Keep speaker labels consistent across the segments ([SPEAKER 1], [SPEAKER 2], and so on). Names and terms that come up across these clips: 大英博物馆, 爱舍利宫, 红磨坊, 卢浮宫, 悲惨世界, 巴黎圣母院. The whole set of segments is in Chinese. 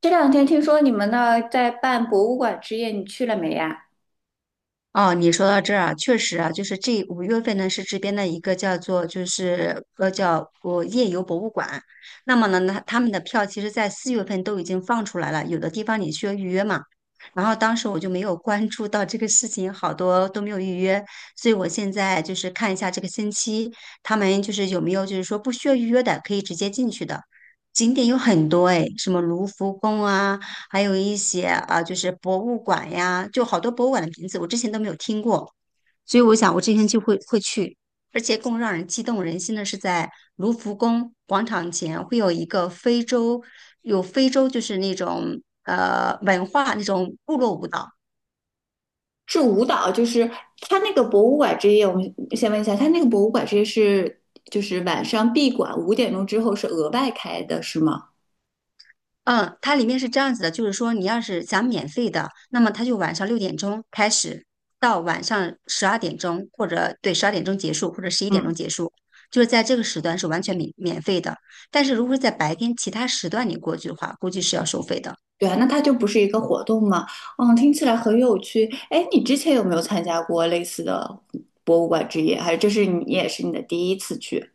[SPEAKER 1] 这2天听说你们那儿在办博物馆之夜，你去了没呀？
[SPEAKER 2] 哦，你说到这儿啊，确实啊，就是这5月份呢是这边的一个叫做叫我夜游博物馆。那么呢，那他们的票其实在4月份都已经放出来了，有的地方你需要预约嘛。然后当时我就没有关注到这个事情，好多都没有预约，所以我现在就是看一下这个星期他们就是有没有就是说不需要预约的，可以直接进去的景点有很多诶，什么卢浮宫啊。还有一些啊，就是博物馆呀，就好多博物馆的名字我之前都没有听过，所以我想我之天就会去。而且更让人激动人心的是，在卢浮宫广场前会有一个非洲，有非洲就是那种文化那种部落舞蹈。
[SPEAKER 1] 是舞蹈，就是他那个博物馆之夜，我们先问一下，他那个博物馆之夜是就是晚上闭馆，5点钟之后是额外开的，是吗？
[SPEAKER 2] 嗯，它里面是这样子的，就是说你要是想免费的，那么它就晚上6点钟开始，到晚上十二点钟，或者对十二点钟结束，或者十一点
[SPEAKER 1] 嗯，
[SPEAKER 2] 钟结束，就是在这个时段是完全免费的。但是如果是在白天其他时段你过去的话，估计是要收费的。
[SPEAKER 1] 对啊，那它就不是一个活动吗？嗯，听起来很有趣。哎，你之前有没有参加过类似的博物馆之夜？还是这是你也是你的第一次去？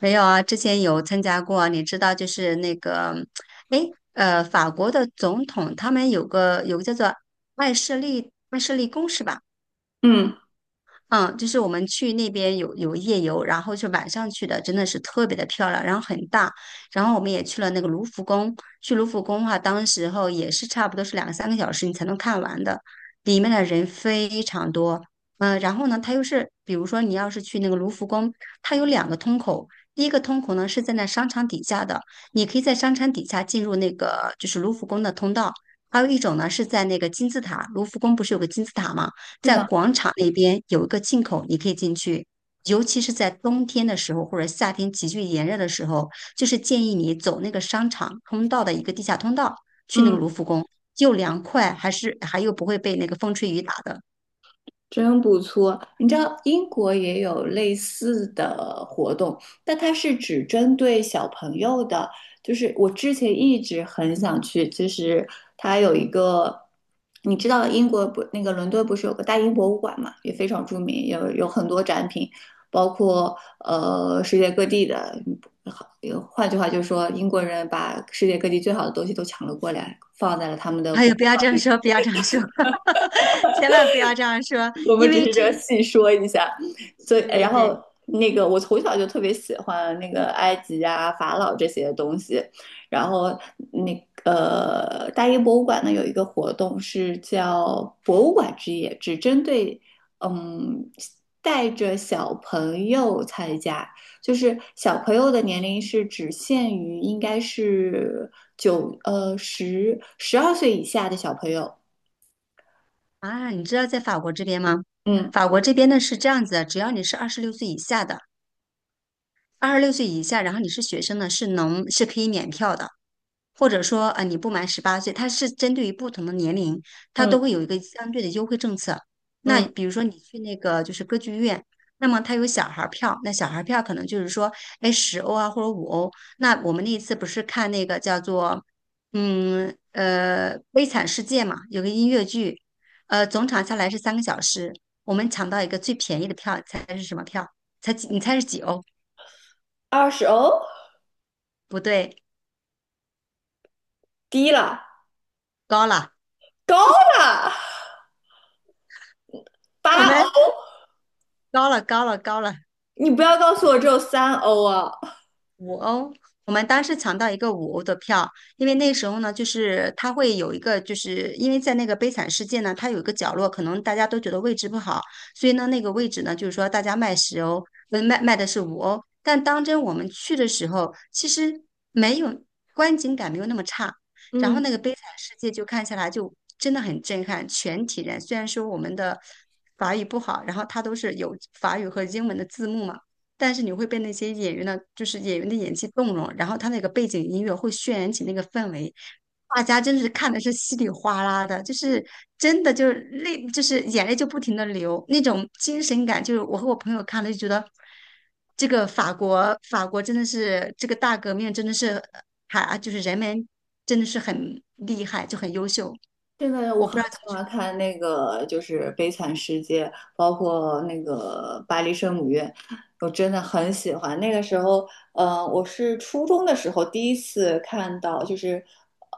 [SPEAKER 2] 没有啊，之前有参加过，你知道就是那个。哎，法国的总统他们有个叫做爱舍利宫是吧？
[SPEAKER 1] 嗯，
[SPEAKER 2] 嗯，就是我们去那边有夜游，然后是晚上去的，真的是特别的漂亮，然后很大。然后我们也去了那个卢浮宫。去卢浮宫的话，当时候也是差不多是两三个小时你才能看完的，里面的人非常多。嗯、然后呢，它又是比如说你要是去那个卢浮宫，它有两个通口。第一个通口呢是在那商场底下的，你可以在商场底下进入那个就是卢浮宫的通道。还有一种呢是在那个金字塔，卢浮宫不是有个金字塔吗？
[SPEAKER 1] 是
[SPEAKER 2] 在
[SPEAKER 1] 呢。
[SPEAKER 2] 广场那边有一个进口，你可以进去。尤其是在冬天的时候，或者夏天急剧炎热的时候，就是建议你走那个商场通道的一个地下通道，去那个
[SPEAKER 1] 嗯。
[SPEAKER 2] 卢浮宫，又凉快，还又不会被那个风吹雨打的。
[SPEAKER 1] 真不错，你知道英国也有类似的活动，但它是只针对小朋友的。就是我之前一直很想去，就是它有一个，你知道英国不，那个伦敦不是有个大英博物馆嘛，也非常著名，有很多展品，包括世界各地的。好，换句话就是说，英国人把世界各地最好的东西都抢了过来，放在了他们 的
[SPEAKER 2] 哎
[SPEAKER 1] 博。
[SPEAKER 2] 呦，不要这样说，不要这样说。千万不要这样说，
[SPEAKER 1] 我们
[SPEAKER 2] 因
[SPEAKER 1] 只
[SPEAKER 2] 为
[SPEAKER 1] 是这
[SPEAKER 2] 至
[SPEAKER 1] 样
[SPEAKER 2] 于，
[SPEAKER 1] 细说一下。所以，
[SPEAKER 2] 对对
[SPEAKER 1] 然后
[SPEAKER 2] 对。
[SPEAKER 1] 那个我从小就特别喜欢那个埃及啊、法老这些东西。然后那个大英博物馆呢有一个活动是叫博物馆之夜，只针对嗯带着小朋友参加，就是小朋友的年龄是只限于应该是九呃十十二岁以下的小朋友。
[SPEAKER 2] 啊，你知道在法国这边吗？
[SPEAKER 1] 嗯
[SPEAKER 2] 法国这边呢是这样子的，只要你是二十六岁以下的，二十六岁以下，然后你是学生呢，是能是可以免票的。或者说你不满18岁，它是针对于不同的年龄，它
[SPEAKER 1] 嗯
[SPEAKER 2] 都会有一个相对的优惠政策。那
[SPEAKER 1] 嗯，
[SPEAKER 2] 比如说你去那个就是歌剧院，那么它有小孩儿票，那小孩儿票可能就是说，哎，十欧啊或者五欧。那我们那一次不是看那个叫做《悲惨世界》嘛，有个音乐剧。总场下来是三个小时，我们抢到一个最便宜的票，猜是什么票？猜你猜是几欧？
[SPEAKER 1] 20哦。
[SPEAKER 2] 不对，
[SPEAKER 1] 低了，
[SPEAKER 2] 高了，
[SPEAKER 1] 高了，
[SPEAKER 2] 我
[SPEAKER 1] 八
[SPEAKER 2] 们
[SPEAKER 1] 欧，
[SPEAKER 2] 高了，高了，高了。
[SPEAKER 1] 你不要告诉我只有3欧啊！
[SPEAKER 2] 五欧，我们当时抢到一个五欧的票。因为那时候呢，就是它会有一个，就是因为在那个悲惨世界呢，它有一个角落，可能大家都觉得位置不好，所以呢，那个位置呢，就是说大家卖十欧，卖的是五欧。但当真我们去的时候，其实没有观景感没有那么差。然后
[SPEAKER 1] 嗯，
[SPEAKER 2] 那个悲惨世界就看下来就真的很震撼，全体人虽然说我们的法语不好，然后它都是有法语和英文的字幕嘛。但是你会被那些演员的，就是演员的演技动容，然后他那个背景音乐会渲染起那个氛围，大家真是看的是稀里哗啦的，就是真的就是泪，就是眼泪就不停的流，那种精神感，就是我和我朋友看了就觉得，这个法国真的是这个大革命真的是还就是人们真的是很厉害，就很优秀。
[SPEAKER 1] 这个我
[SPEAKER 2] 我
[SPEAKER 1] 很
[SPEAKER 2] 不知道怎么
[SPEAKER 1] 喜
[SPEAKER 2] 去，
[SPEAKER 1] 欢看那个，就是《悲惨世界》，包括那个《巴黎圣母院》，我真的很喜欢。那个时候，我是初中的时候第一次看到，就是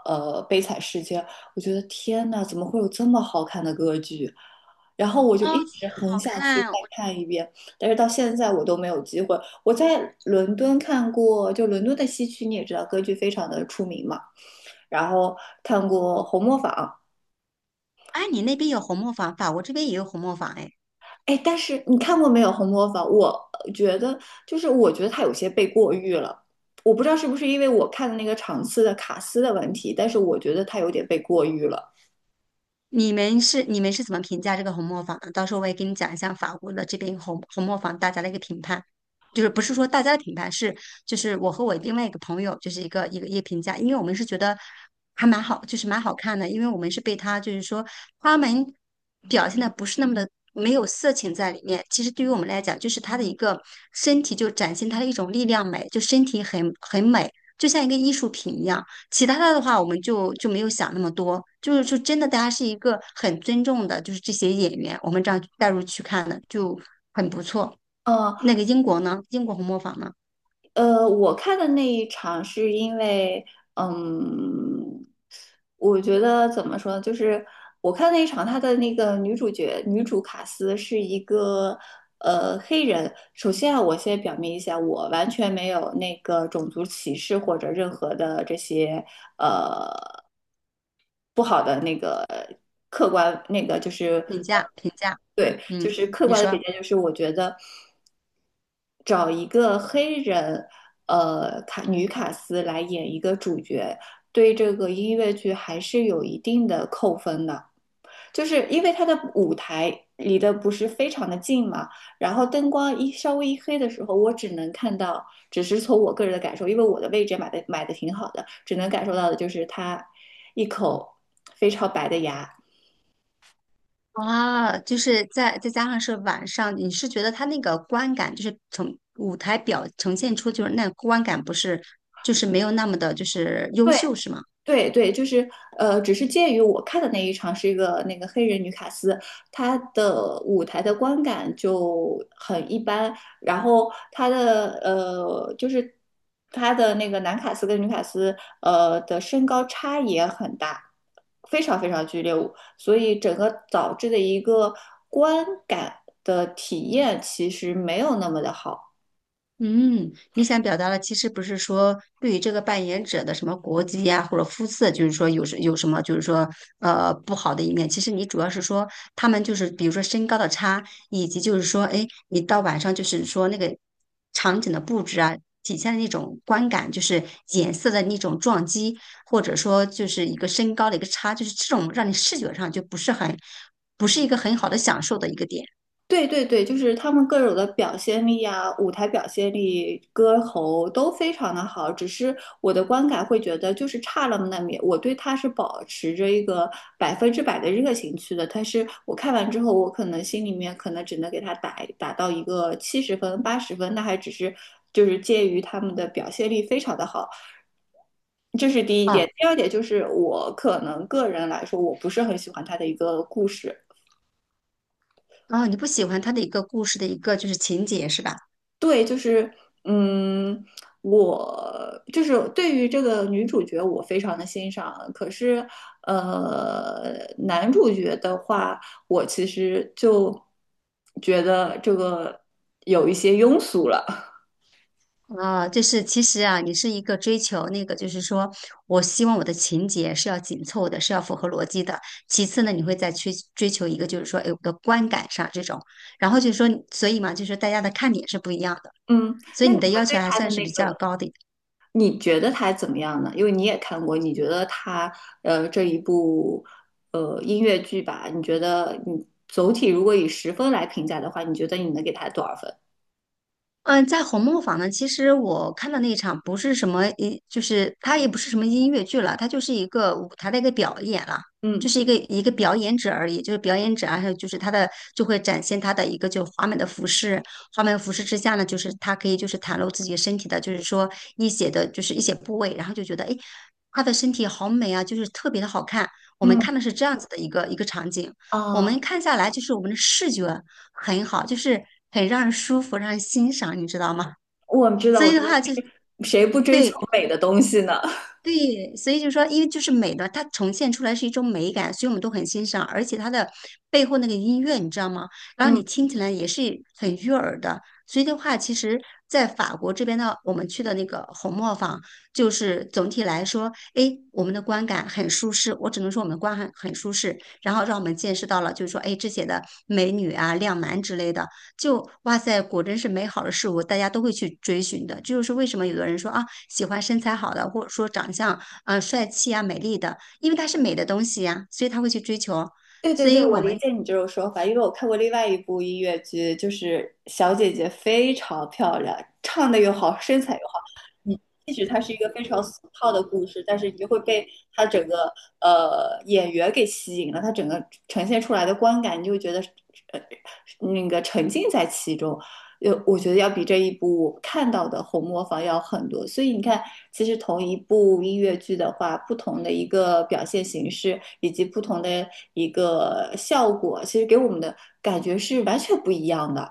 [SPEAKER 1] 《悲惨世界》，我觉得天呐，怎么会有这么好看的歌剧？然后我就一
[SPEAKER 2] 超级
[SPEAKER 1] 直很
[SPEAKER 2] 好
[SPEAKER 1] 想去
[SPEAKER 2] 看，
[SPEAKER 1] 再
[SPEAKER 2] 我。
[SPEAKER 1] 看一遍，但是到现在我都没有机会。我在伦敦看过，就伦敦的西区，你也知道，歌剧非常的出名嘛。然后看过《红磨坊》，
[SPEAKER 2] 哎，你那边有红磨坊，法国这边也有红磨坊哎。
[SPEAKER 1] 哎，但是你看过没有《红磨坊》？呃觉得我觉得他有些被过誉了，我不知道是不是因为我看的那个场次的卡司的问题，但是我觉得他有点被过誉了。
[SPEAKER 2] 你们是你们是怎么评价这个红磨坊的？到时候我也给你讲一下法国的这边红磨坊大家的一个评判，就是不是说大家的评判，是就是我和我另外一个朋友就是一个评价。因为我们是觉得还蛮好，就是蛮好看的，因为我们是被他就是说花们表现的不是那么的没有色情在里面，其实对于我们来讲，就是他的一个身体就展现他的一种力量美，就身体很美，就像一个艺术品一样。其他的的话，我们就没有想那么多，就是就真的，大家是一个很尊重的，就是这些演员，我们这样带入去看的，就很不错。
[SPEAKER 1] 嗯，
[SPEAKER 2] 那个英国呢？英国红磨坊呢？
[SPEAKER 1] 我看的那一场是因为，嗯，我觉得怎么说呢就是我看那一场，她的那个女主卡斯是一个黑人。首先啊，我先表明一下，我完全没有那个种族歧视或者任何的这些呃不好的那个客观那个就是。
[SPEAKER 2] 评价评价。
[SPEAKER 1] 对，就
[SPEAKER 2] 嗯，
[SPEAKER 1] 是客
[SPEAKER 2] 你
[SPEAKER 1] 观的评
[SPEAKER 2] 说
[SPEAKER 1] 价，就是我觉得找一个黑人，女卡斯来演一个主角，对这个音乐剧还是有一定的扣分的，就是因为它的舞台离得不是非常的近嘛，然后灯光一稍微一黑的时候，我只能看到，只是从我个人的感受，因为我的位置买的挺好的，只能感受到的就是他一口非常白的牙。
[SPEAKER 2] 啊，就是再加上是晚上，你是觉得他那个观感，就是从舞台表呈现出，就是那观感不是，就是没有那么的，就是优
[SPEAKER 1] 对。
[SPEAKER 2] 秀，是吗？
[SPEAKER 1] 对对，就是只是鉴于我看的那一场是一个那个黑人女卡斯，她的舞台的观感就很一般，然后她的那个男卡斯跟女卡斯的身高差也很大，非常非常剧烈，所以整个导致的一个观感的体验其实没有那么的好。
[SPEAKER 2] 嗯，你想表达的其实不是说对于这个扮演者的什么国籍呀、或者肤色，就是说有什么就是说不好的一面。其实你主要是说他们就是比如说身高的差，以及就是说哎，你到晚上就是说那个场景的布置啊，体现的那种观感，就是颜色的那种撞击，或者说就是一个身高的一个差，就是这种让你视觉上就不是一个很好的享受的一个点
[SPEAKER 1] 对对对，就是他们各种的表现力啊，舞台表现力、歌喉都非常的好，只是我的观感会觉得就是差了那么点。我对他是保持着一个100%的热情去的，但是我看完之后，我可能心里面可能只能给他打到一个70分、80分，那还只是就是介于他们的表现力非常的好，这是第一点。
[SPEAKER 2] 啊。
[SPEAKER 1] 第二点就是我可能个人来说，我不是很喜欢他的一个故事。
[SPEAKER 2] 啊，你不喜欢他的一个故事的一个就是情节是吧？
[SPEAKER 1] 对，就是，嗯，我就是对于这个女主角，我非常的欣赏。可是，男主角的话，我其实就觉得这个有一些庸俗了。
[SPEAKER 2] 啊，就是其实啊，你是一个追求那个，就是说我希望我的情节是要紧凑的，是要符合逻辑的。其次呢，你会再去追求一个，就是说，哎，我的观感上这种。然后就是说，所以嘛，就是大家的看点是不一样的，
[SPEAKER 1] 嗯，
[SPEAKER 2] 所以
[SPEAKER 1] 那
[SPEAKER 2] 你
[SPEAKER 1] 你
[SPEAKER 2] 的
[SPEAKER 1] 们
[SPEAKER 2] 要
[SPEAKER 1] 对
[SPEAKER 2] 求还
[SPEAKER 1] 他
[SPEAKER 2] 算
[SPEAKER 1] 的
[SPEAKER 2] 是
[SPEAKER 1] 那
[SPEAKER 2] 比
[SPEAKER 1] 个，
[SPEAKER 2] 较高的。
[SPEAKER 1] 你觉得他怎么样呢？因为你也看过，你觉得他这一部音乐剧吧，你觉得你总体如果以十分来评价的话，你觉得你能给他多少分？
[SPEAKER 2] 嗯，在《红磨坊》呢，其实我看的那一场不是什么音，就是它也不是什么音乐剧了，它就是一个舞台的一个表演了，
[SPEAKER 1] 嗯
[SPEAKER 2] 就是一个表演者而已，就是表演者啊，还有就是他的就会展现他的一个就华美的服饰。华美的服饰之下呢，就是他可以就是袒露自己身体的，就是说一些的就是一些部位，然后就觉得诶，他的身体好美啊，就是特别的好看。我们
[SPEAKER 1] 嗯。
[SPEAKER 2] 看的是这样子的一个场景。我
[SPEAKER 1] 啊，
[SPEAKER 2] 们看下来就是我们的视觉。很好，就是很让人舒服，让人欣赏，你知道吗？
[SPEAKER 1] 我知道，
[SPEAKER 2] 所
[SPEAKER 1] 我
[SPEAKER 2] 以
[SPEAKER 1] 知
[SPEAKER 2] 的
[SPEAKER 1] 道，
[SPEAKER 2] 话
[SPEAKER 1] 就
[SPEAKER 2] 就，
[SPEAKER 1] 是谁不追求
[SPEAKER 2] 对
[SPEAKER 1] 美的东西呢？
[SPEAKER 2] 对，所以就说，因为就是美的，它呈现出来是一种美感，所以我们都很欣赏，而且它的背后那个音乐，你知道吗？然后
[SPEAKER 1] 嗯，
[SPEAKER 2] 你听起来也是很悦耳的。所以的话，其实，在法国这边呢，我们去的那个红磨坊，就是总体来说，哎，我们的观感很舒适。我只能说我们的观感很舒适，然后让我们见识到了，就是说，哎，这些的美女啊、靓男之类的。就哇塞，果真是美好的事物，大家都会去追寻的。这就是为什么有的人说啊，喜欢身材好的，或者说长相啊、帅气啊、美丽的，因为它是美的东西呀、所以他会去追求。
[SPEAKER 1] 对对
[SPEAKER 2] 所
[SPEAKER 1] 对，
[SPEAKER 2] 以
[SPEAKER 1] 我
[SPEAKER 2] 我
[SPEAKER 1] 理
[SPEAKER 2] 们
[SPEAKER 1] 解你这种说法，因为我看过另外一部音乐剧，就是小姐姐非常漂亮，唱的又好，身材又好。你即使它是一个非常俗套的故事，但是你就会被她整个演员给吸引了，她整个呈现出来的观感，你就会觉得呃那个沉浸在其中。我觉得要比这一部我看到的红磨坊要很多，所以你看，其实同一部音乐剧的话，不同的一个表现形式以及不同的一个效果，其实给我们的感觉是完全不一样的。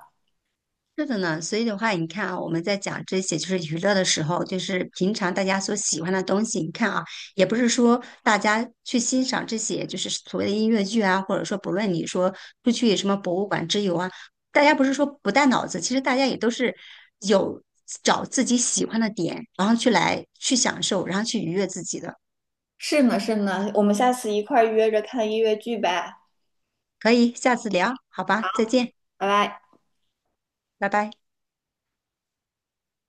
[SPEAKER 2] 是的呢，所以的话，你看啊，我们在讲这些就是娱乐的时候，就是平常大家所喜欢的东西。你看啊，也不是说大家去欣赏这些就是所谓的音乐剧啊，或者说不论你说出去什么博物馆之游啊，大家不是说不带脑子，其实大家也都是有找自己喜欢的点，然后去来去享受，然后去愉悦自己的。
[SPEAKER 1] 是呢，是呢，我们下次一块儿约着看音乐剧呗，
[SPEAKER 2] 可以，下次聊，好吧，再见，
[SPEAKER 1] 拜拜。
[SPEAKER 2] 拜拜。